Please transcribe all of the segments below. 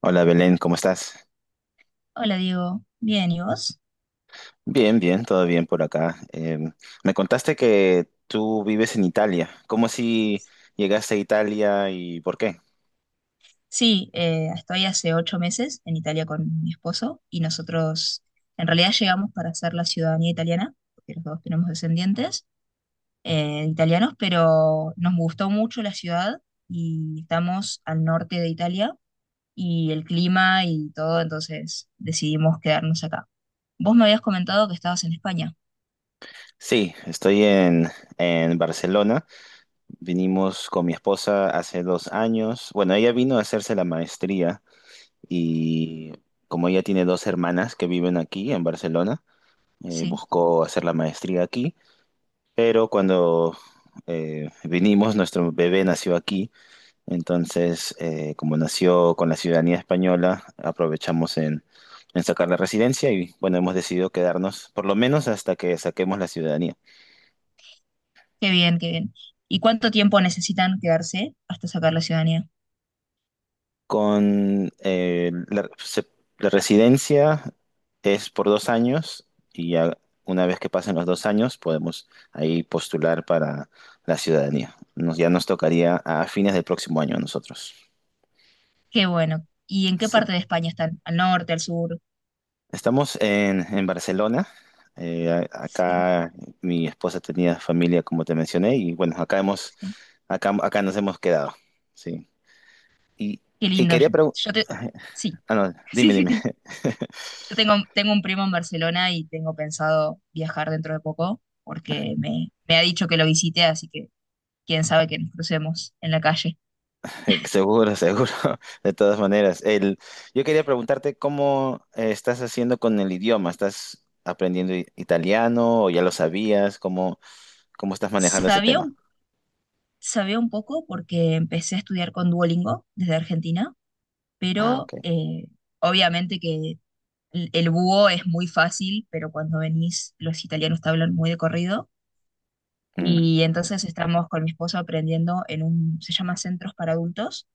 Hola Belén, ¿cómo estás? Hola Diego, bien, ¿y vos? Bien, bien, todo bien por acá. Me contaste que tú vives en Italia. ¿Cómo si llegaste a Italia y por qué? Sí, estoy hace 8 meses en Italia con mi esposo y nosotros en realidad llegamos para hacer la ciudadanía italiana, porque los dos tenemos descendientes italianos, pero nos gustó mucho la ciudad y estamos al norte de Italia y el clima y todo, entonces decidimos quedarnos acá. Vos me habías comentado que estabas en España, Sí, estoy en Barcelona. Vinimos con mi esposa hace 2 años. Bueno, ella vino a hacerse la maestría y como ella tiene dos hermanas que viven aquí en Barcelona, sí, buscó hacer la maestría aquí. Pero cuando vinimos, nuestro bebé nació aquí. Entonces, como nació con la ciudadanía española, aprovechamos en sacar la residencia y bueno, hemos decidido quedarnos por lo menos hasta que saquemos la ciudadanía. qué bien, qué bien. ¿Y cuánto tiempo necesitan quedarse hasta sacar la ciudadanía? Con la residencia es por 2 años y ya una vez que pasen los 2 años podemos ahí postular para la ciudadanía. Ya nos tocaría a fines del próximo año a nosotros. Qué bueno. ¿Y en qué Sí. parte de España están? ¿Al norte, al sur? Estamos en Barcelona. Sí, Acá mi esposa tenía familia, como te mencioné, y bueno, sí. acá nos hemos quedado. Sí. Y, Qué y lindo. quería preguntar. Yo te... Sí, Ah, no, dime, sí, sí, dime. sí. Yo tengo un primo en Barcelona y tengo pensado viajar dentro de poco porque me ha dicho que lo visite, así que quién sabe que nos crucemos en la calle. Seguro, seguro. De todas maneras, yo quería preguntarte cómo estás haciendo con el idioma. ¿Estás aprendiendo italiano o ya lo sabías? ¿Cómo estás manejando ese Sabía tema? un, sabía un poco porque empecé a estudiar con Duolingo desde Argentina, Ah, pero ok. Obviamente que el búho es muy fácil, pero cuando venís los italianos te hablan muy de corrido. Mm. Y entonces estamos con mi esposo aprendiendo en un, se llama Centros para Adultos,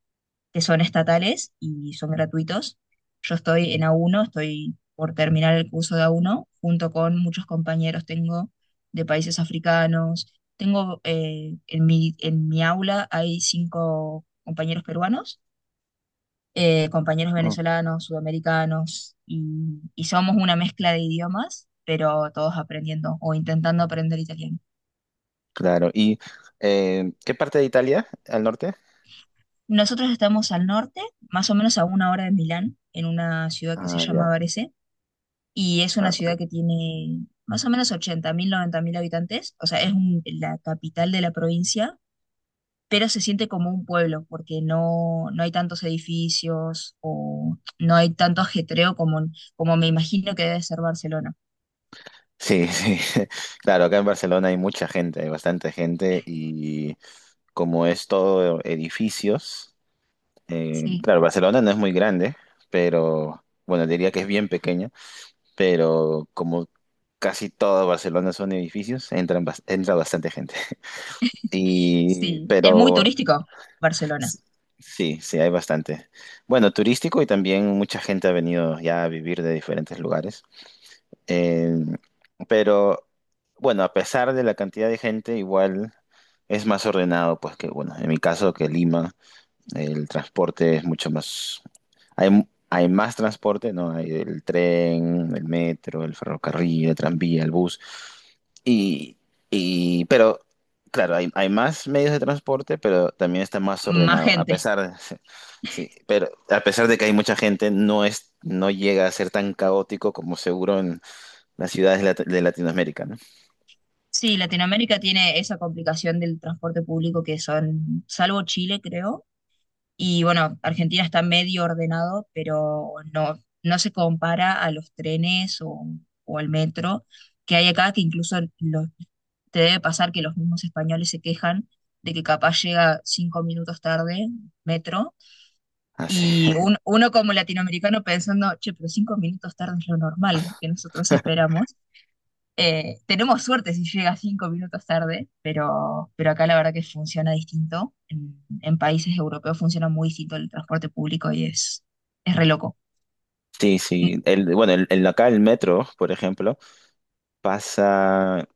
que son estatales y son gratuitos. Yo estoy en A1, estoy por terminar el curso de A1, junto con muchos compañeros tengo de países africanos. Tengo en mi aula hay 5 compañeros peruanos, compañeros venezolanos, sudamericanos, y somos una mezcla de idiomas, pero todos aprendiendo o intentando aprender italiano. Claro. ¿Y qué parte de Italia? ¿Al norte? Nosotros estamos al norte, más o menos a 1 hora de Milán, en una ciudad que se Ah, llama ya. Varese, y es Ah, una ciudad ok. que tiene más o menos 80.000, mil habitantes, o sea, es un- la capital de la provincia, pero se siente como un pueblo, porque no, no hay tantos edificios o no hay tanto ajetreo como, como me imagino que debe ser Barcelona. Sí, sí. Claro, acá en Barcelona hay mucha gente, hay bastante gente y como es todo edificios, Sí, claro, Barcelona no es muy grande, pero bueno, diría que es bien pequeña, pero como casi todo Barcelona son edificios, entra bastante gente. Y, sí, es muy pero. turístico Barcelona, Sí, sí, hay bastante. Bueno, turístico y también mucha gente ha venido ya a vivir de diferentes lugares. Eh, pero bueno, a pesar de la cantidad de gente, igual es más ordenado, pues que, bueno, en mi caso que Lima. El transporte es mucho más... Hay más transporte, ¿no? Hay el tren, el metro, el ferrocarril, el tranvía, el bus. Y, y- pero, claro, hay más medios de transporte, pero también está más más ordenado. A gente. pesar, sí, pero a pesar de que hay mucha gente, no es, no llega a ser tan caótico como seguro en las ciudades de Latinoamérica, ¿no? Sí, Latinoamérica tiene esa complicación del transporte público que son, salvo Chile, creo, y bueno, Argentina está medio ordenado, pero no, no se compara a los trenes o al metro que hay acá, que incluso los, te debe pasar que los mismos españoles se quejan de que capaz llega 5 minutos tarde, metro, Así. y un- uno como latinoamericano pensando, che, pero 5 minutos tarde es lo normal que nosotros esperamos. Tenemos suerte si llega 5 minutos tarde, pero acá la verdad que funciona distinto. En países europeos funciona muy distinto el transporte público y es re loco. Sí, Mm, sí. Bueno, acá el metro, por ejemplo, pasa.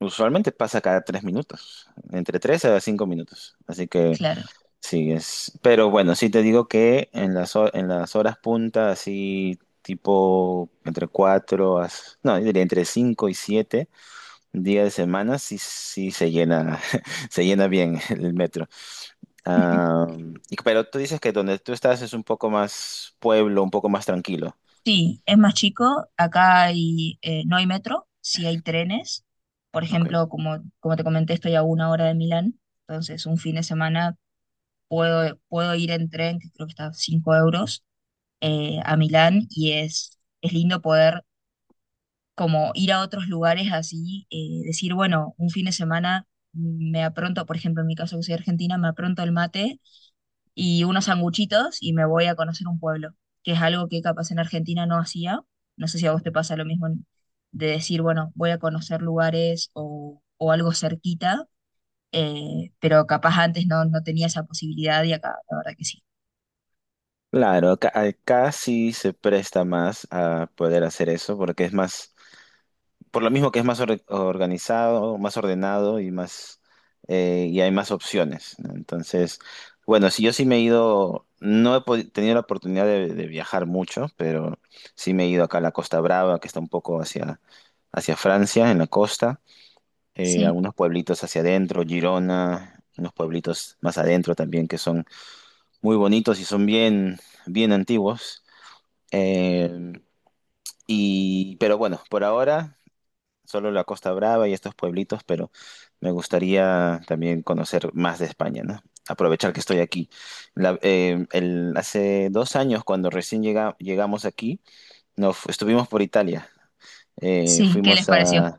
Usualmente pasa cada 3 minutos, entre 3 a 5 minutos. Así que claro. sí, es. Pero bueno, sí te digo que en las horas punta, así tipo entre 4 a. No, yo diría entre 5 y 7 días de semana, sí, sí se llena, se llena bien el metro. Ah, pero tú dices que donde tú estás es un poco más pueblo, un poco más tranquilo. Sí, es más chico. Acá hay, no hay metro, sí hay trenes. Por Ok. ejemplo, como, como te comenté, estoy a 1 hora de Milán. Entonces, un fin de semana puedo ir en tren, que creo que está a 5 euros, a Milán. Y es lindo poder como ir a otros lugares así, decir, bueno, un fin de semana me apronto, por ejemplo, en mi caso que soy argentina, me apronto el mate y unos sanguchitos y me voy a conocer un pueblo, que es algo que capaz en Argentina no hacía. No sé si a vos te pasa lo mismo en- de decir, bueno, voy a conocer lugares o algo cerquita, pero capaz antes no, no tenía esa posibilidad y acá, la verdad que sí. Claro, acá sí se presta más a poder hacer eso porque es más. Por lo mismo que es más organizado, más ordenado y más, y hay más opciones, ¿no? Entonces, bueno, si yo sí me he ido, no he tenido la oportunidad de viajar mucho, pero sí me he ido acá a la Costa Brava, que está un poco hacia, hacia Francia, en la costa, Sí, algunos pueblitos hacia adentro, Girona, unos pueblitos más adentro también que son muy bonitos y son bien, bien antiguos. Eh, y, pero bueno, por ahora solo la Costa Brava y estos pueblitos, pero me gustaría también conocer más de España, ¿no? Aprovechar que estoy aquí. Hace 2 años, cuando recién llegamos aquí, estuvimos por Italia. Sí, ¿qué les Fuimos pareció? a...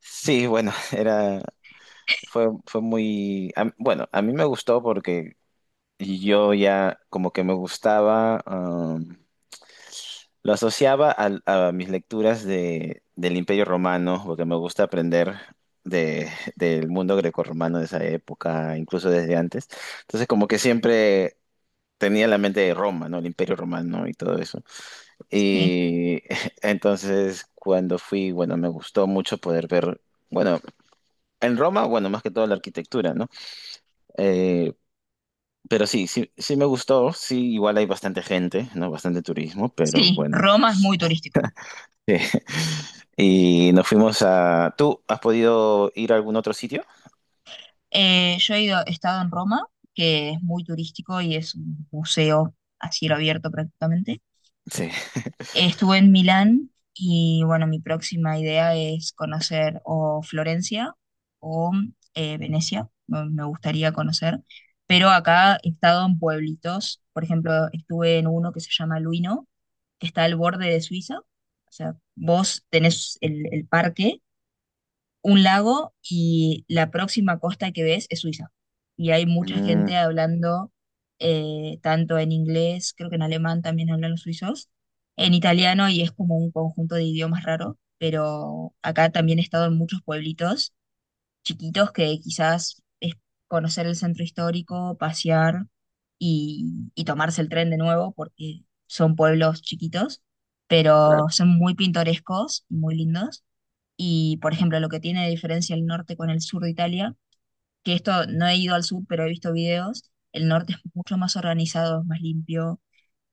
Sí, bueno, era... Fue muy... Bueno, a mí me gustó porque yo ya como que me gustaba... Lo asociaba mis lecturas del Imperio Romano, porque me gusta aprender de, del mundo grecorromano de esa época, incluso desde antes. Entonces, como que siempre tenía la mente de Roma, ¿no? El Imperio Romano y todo eso. Sí, Y entonces, cuando fui, bueno, me gustó mucho poder ver, bueno, en Roma, bueno, más que todo la arquitectura, ¿no? Eh, pero sí, sí, sí me gustó, sí, igual hay bastante gente, ¿no? Bastante turismo, pero sí, bueno. Roma es muy turístico. Y nos fuimos a... ¿Tú has podido ir a algún otro sitio? Yo he ido- he estado en Roma, que es muy turístico y es un museo a cielo abierto prácticamente. Sí. Estuve en Milán y bueno, mi próxima idea es conocer o Florencia o Venecia, me gustaría conocer. Pero acá he estado en pueblitos, por ejemplo, estuve en uno que se llama Luino, que está al borde de Suiza. O sea, vos tenés el parque un lago y la próxima costa que ves es Suiza. Y hay mucha Mm, gente hablando tanto en inglés, creo que en alemán también hablan los suizos, en italiano y es como un conjunto de idiomas raro, pero acá también he estado en muchos pueblitos chiquitos que quizás es conocer el centro histórico, pasear y tomarse el tren de nuevo porque son pueblos chiquitos, claro. pero son muy pintorescos y muy lindos. Y, por ejemplo, lo que tiene de diferencia el norte con el sur de Italia, que esto no he ido al sur, pero he visto videos, el norte es mucho más organizado, es más limpio,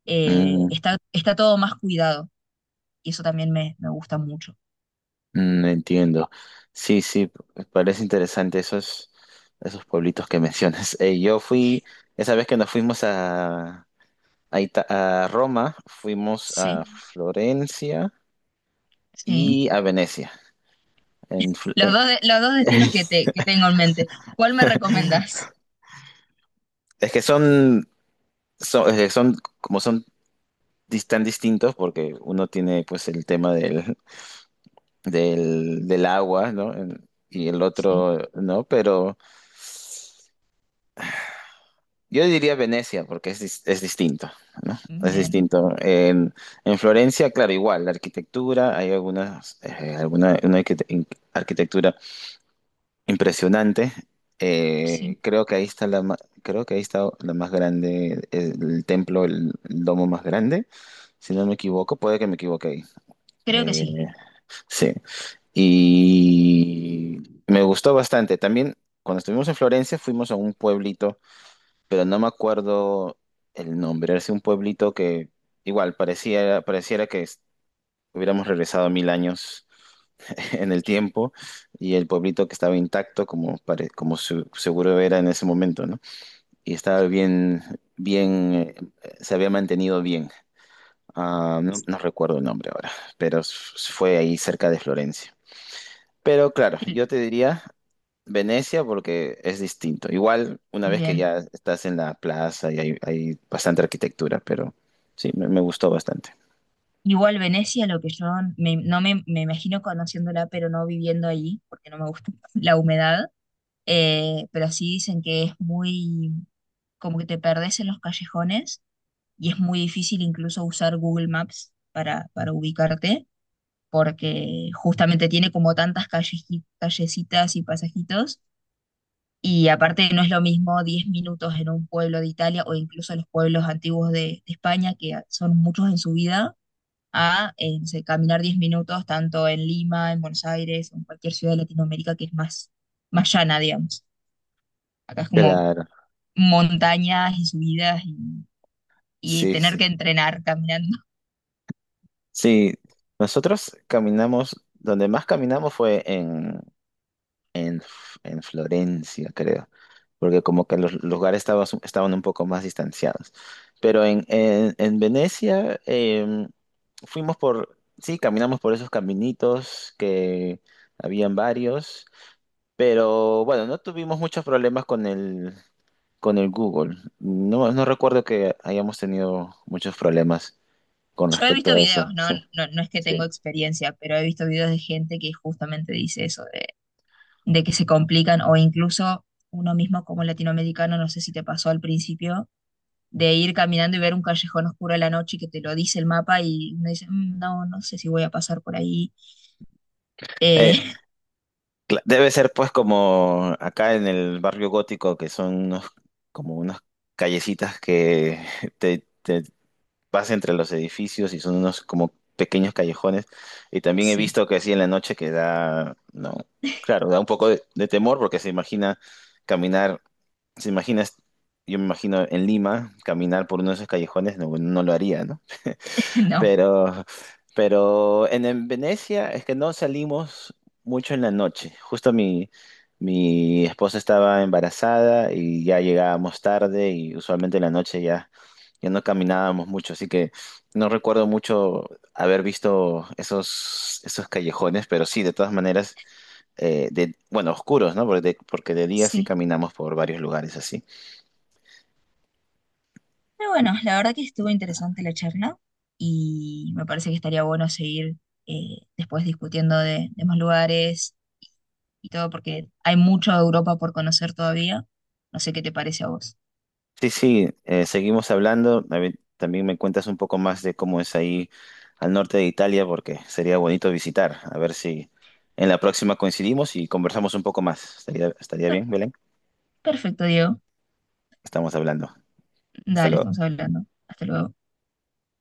Mm, está, está todo más cuidado y eso también me gusta mucho. mm, entiendo. Sí, sí, parece interesante esos, esos pueblitos que mencionas. Esa vez que nos fuimos a Roma, fuimos a Sí, Florencia sí. y a Venecia. En Fl- Los eh, dos, de- los dos destinos que tengo en mente. ¿Cuál me recomendás? es que son, son, es son como son dis- tan distintos porque uno tiene pues el tema del agua, ¿no? En... Y el Sí, otro, ¿no? Pero yo diría Venecia, porque es, es distinto, ¿no? Es bien, distinto. En Florencia, claro, igual, la arquitectura, hay algunas, alguna una arquite- in- arquitectura impresionante. sí, Eh, creo que ahí está la, ma- creo que ahí está la más grande, el templo, el domo más grande, si no me equivoco, puede que me equivoque ahí. creo que sí. Eh, sí. Y me gustó bastante. También cuando estuvimos en Florencia fuimos a un pueblito, pero no me acuerdo el nombre. Era un pueblito que igual pareciera que hubiéramos regresado 1000 años en el tiempo y el pueblito que estaba intacto como seguro era en ese momento, ¿no? Y estaba bien, bien, se había mantenido bien. Ah, no, no recuerdo el nombre ahora, pero fue ahí cerca de Florencia. Pero claro, Sí, yo te diría Venecia porque es distinto. Igual una vez que bien. ya estás en la plaza y hay bastante arquitectura, pero sí, me gustó bastante. Igual Venecia, lo que yo me- no me, me imagino conociéndola, pero no viviendo allí, porque no me gusta la humedad. Pero sí dicen que es muy, como que te perdés en los callejones y es muy difícil incluso usar Google Maps para ubicarte, porque justamente tiene como tantas calleji- callecitas y pasajitos, y aparte no es lo mismo 10 minutos en un pueblo de Italia o incluso los pueblos antiguos de España, que son muchos en su vida. A No sé, caminar 10 minutos tanto en Lima, en Buenos Aires, en cualquier ciudad de Latinoamérica que es más, más llana, digamos. Acá es como Claro, montañas y subidas y sí, tener que sí. entrenar caminando. Sí, nosotros caminamos, donde más caminamos fue en Florencia, creo, porque como que los lugares estaban, estaban un poco más distanciados. Pero en Venecia, fuimos por, sí, caminamos por esos caminitos que habían varios, pero bueno, no tuvimos muchos problemas con el Google. No, no recuerdo que hayamos tenido muchos problemas con Yo he respecto visto a eso. videos, ¿no? No, no es que Sí. tengo Sí. experiencia, pero he visto videos de gente que justamente dice eso, de que se complican o incluso uno mismo como latinoamericano, no sé si te pasó al principio, de ir caminando y ver un callejón oscuro a la noche y que te lo dice el mapa y uno dice, "Mm, no, no sé si voy a pasar por ahí. Eh, Eh, Debe ser pues como acá en el barrio gótico, que son como unas callecitas que te vas entre los edificios y son unos como pequeños callejones. Y también he sí, visto que así en la noche que da, no, claro, da un poco de temor porque se imagina caminar, se imagina, yo me imagino en Lima, caminar por uno de esos callejones, no, no lo haría, ¿no? no, Pero, pero en Venecia es que no salimos mucho en la noche. Justo mi esposa estaba embarazada y ya llegábamos tarde y usualmente en la noche ya, ya no caminábamos mucho. Así que no recuerdo mucho haber visto esos callejones, pero sí, de todas maneras, de, bueno, oscuros, ¿no? Porque de día sí sí. caminamos por varios lugares así. Pero bueno, la verdad que estuvo interesante la charla y me parece que estaría bueno seguir después discutiendo de más lugares y todo, porque hay mucho de Europa por conocer todavía. No sé qué te parece a vos. Sí, sí, seguimos hablando. A ver, también me cuentas un poco más de cómo es ahí al norte de Italia, porque sería bonito visitar. A ver si en la próxima coincidimos y conversamos un poco más. ¿Estaría Per- bien, Belén? perfecto, Diego. Estamos hablando. Hasta Dale, luego. estamos hablando. Hasta luego.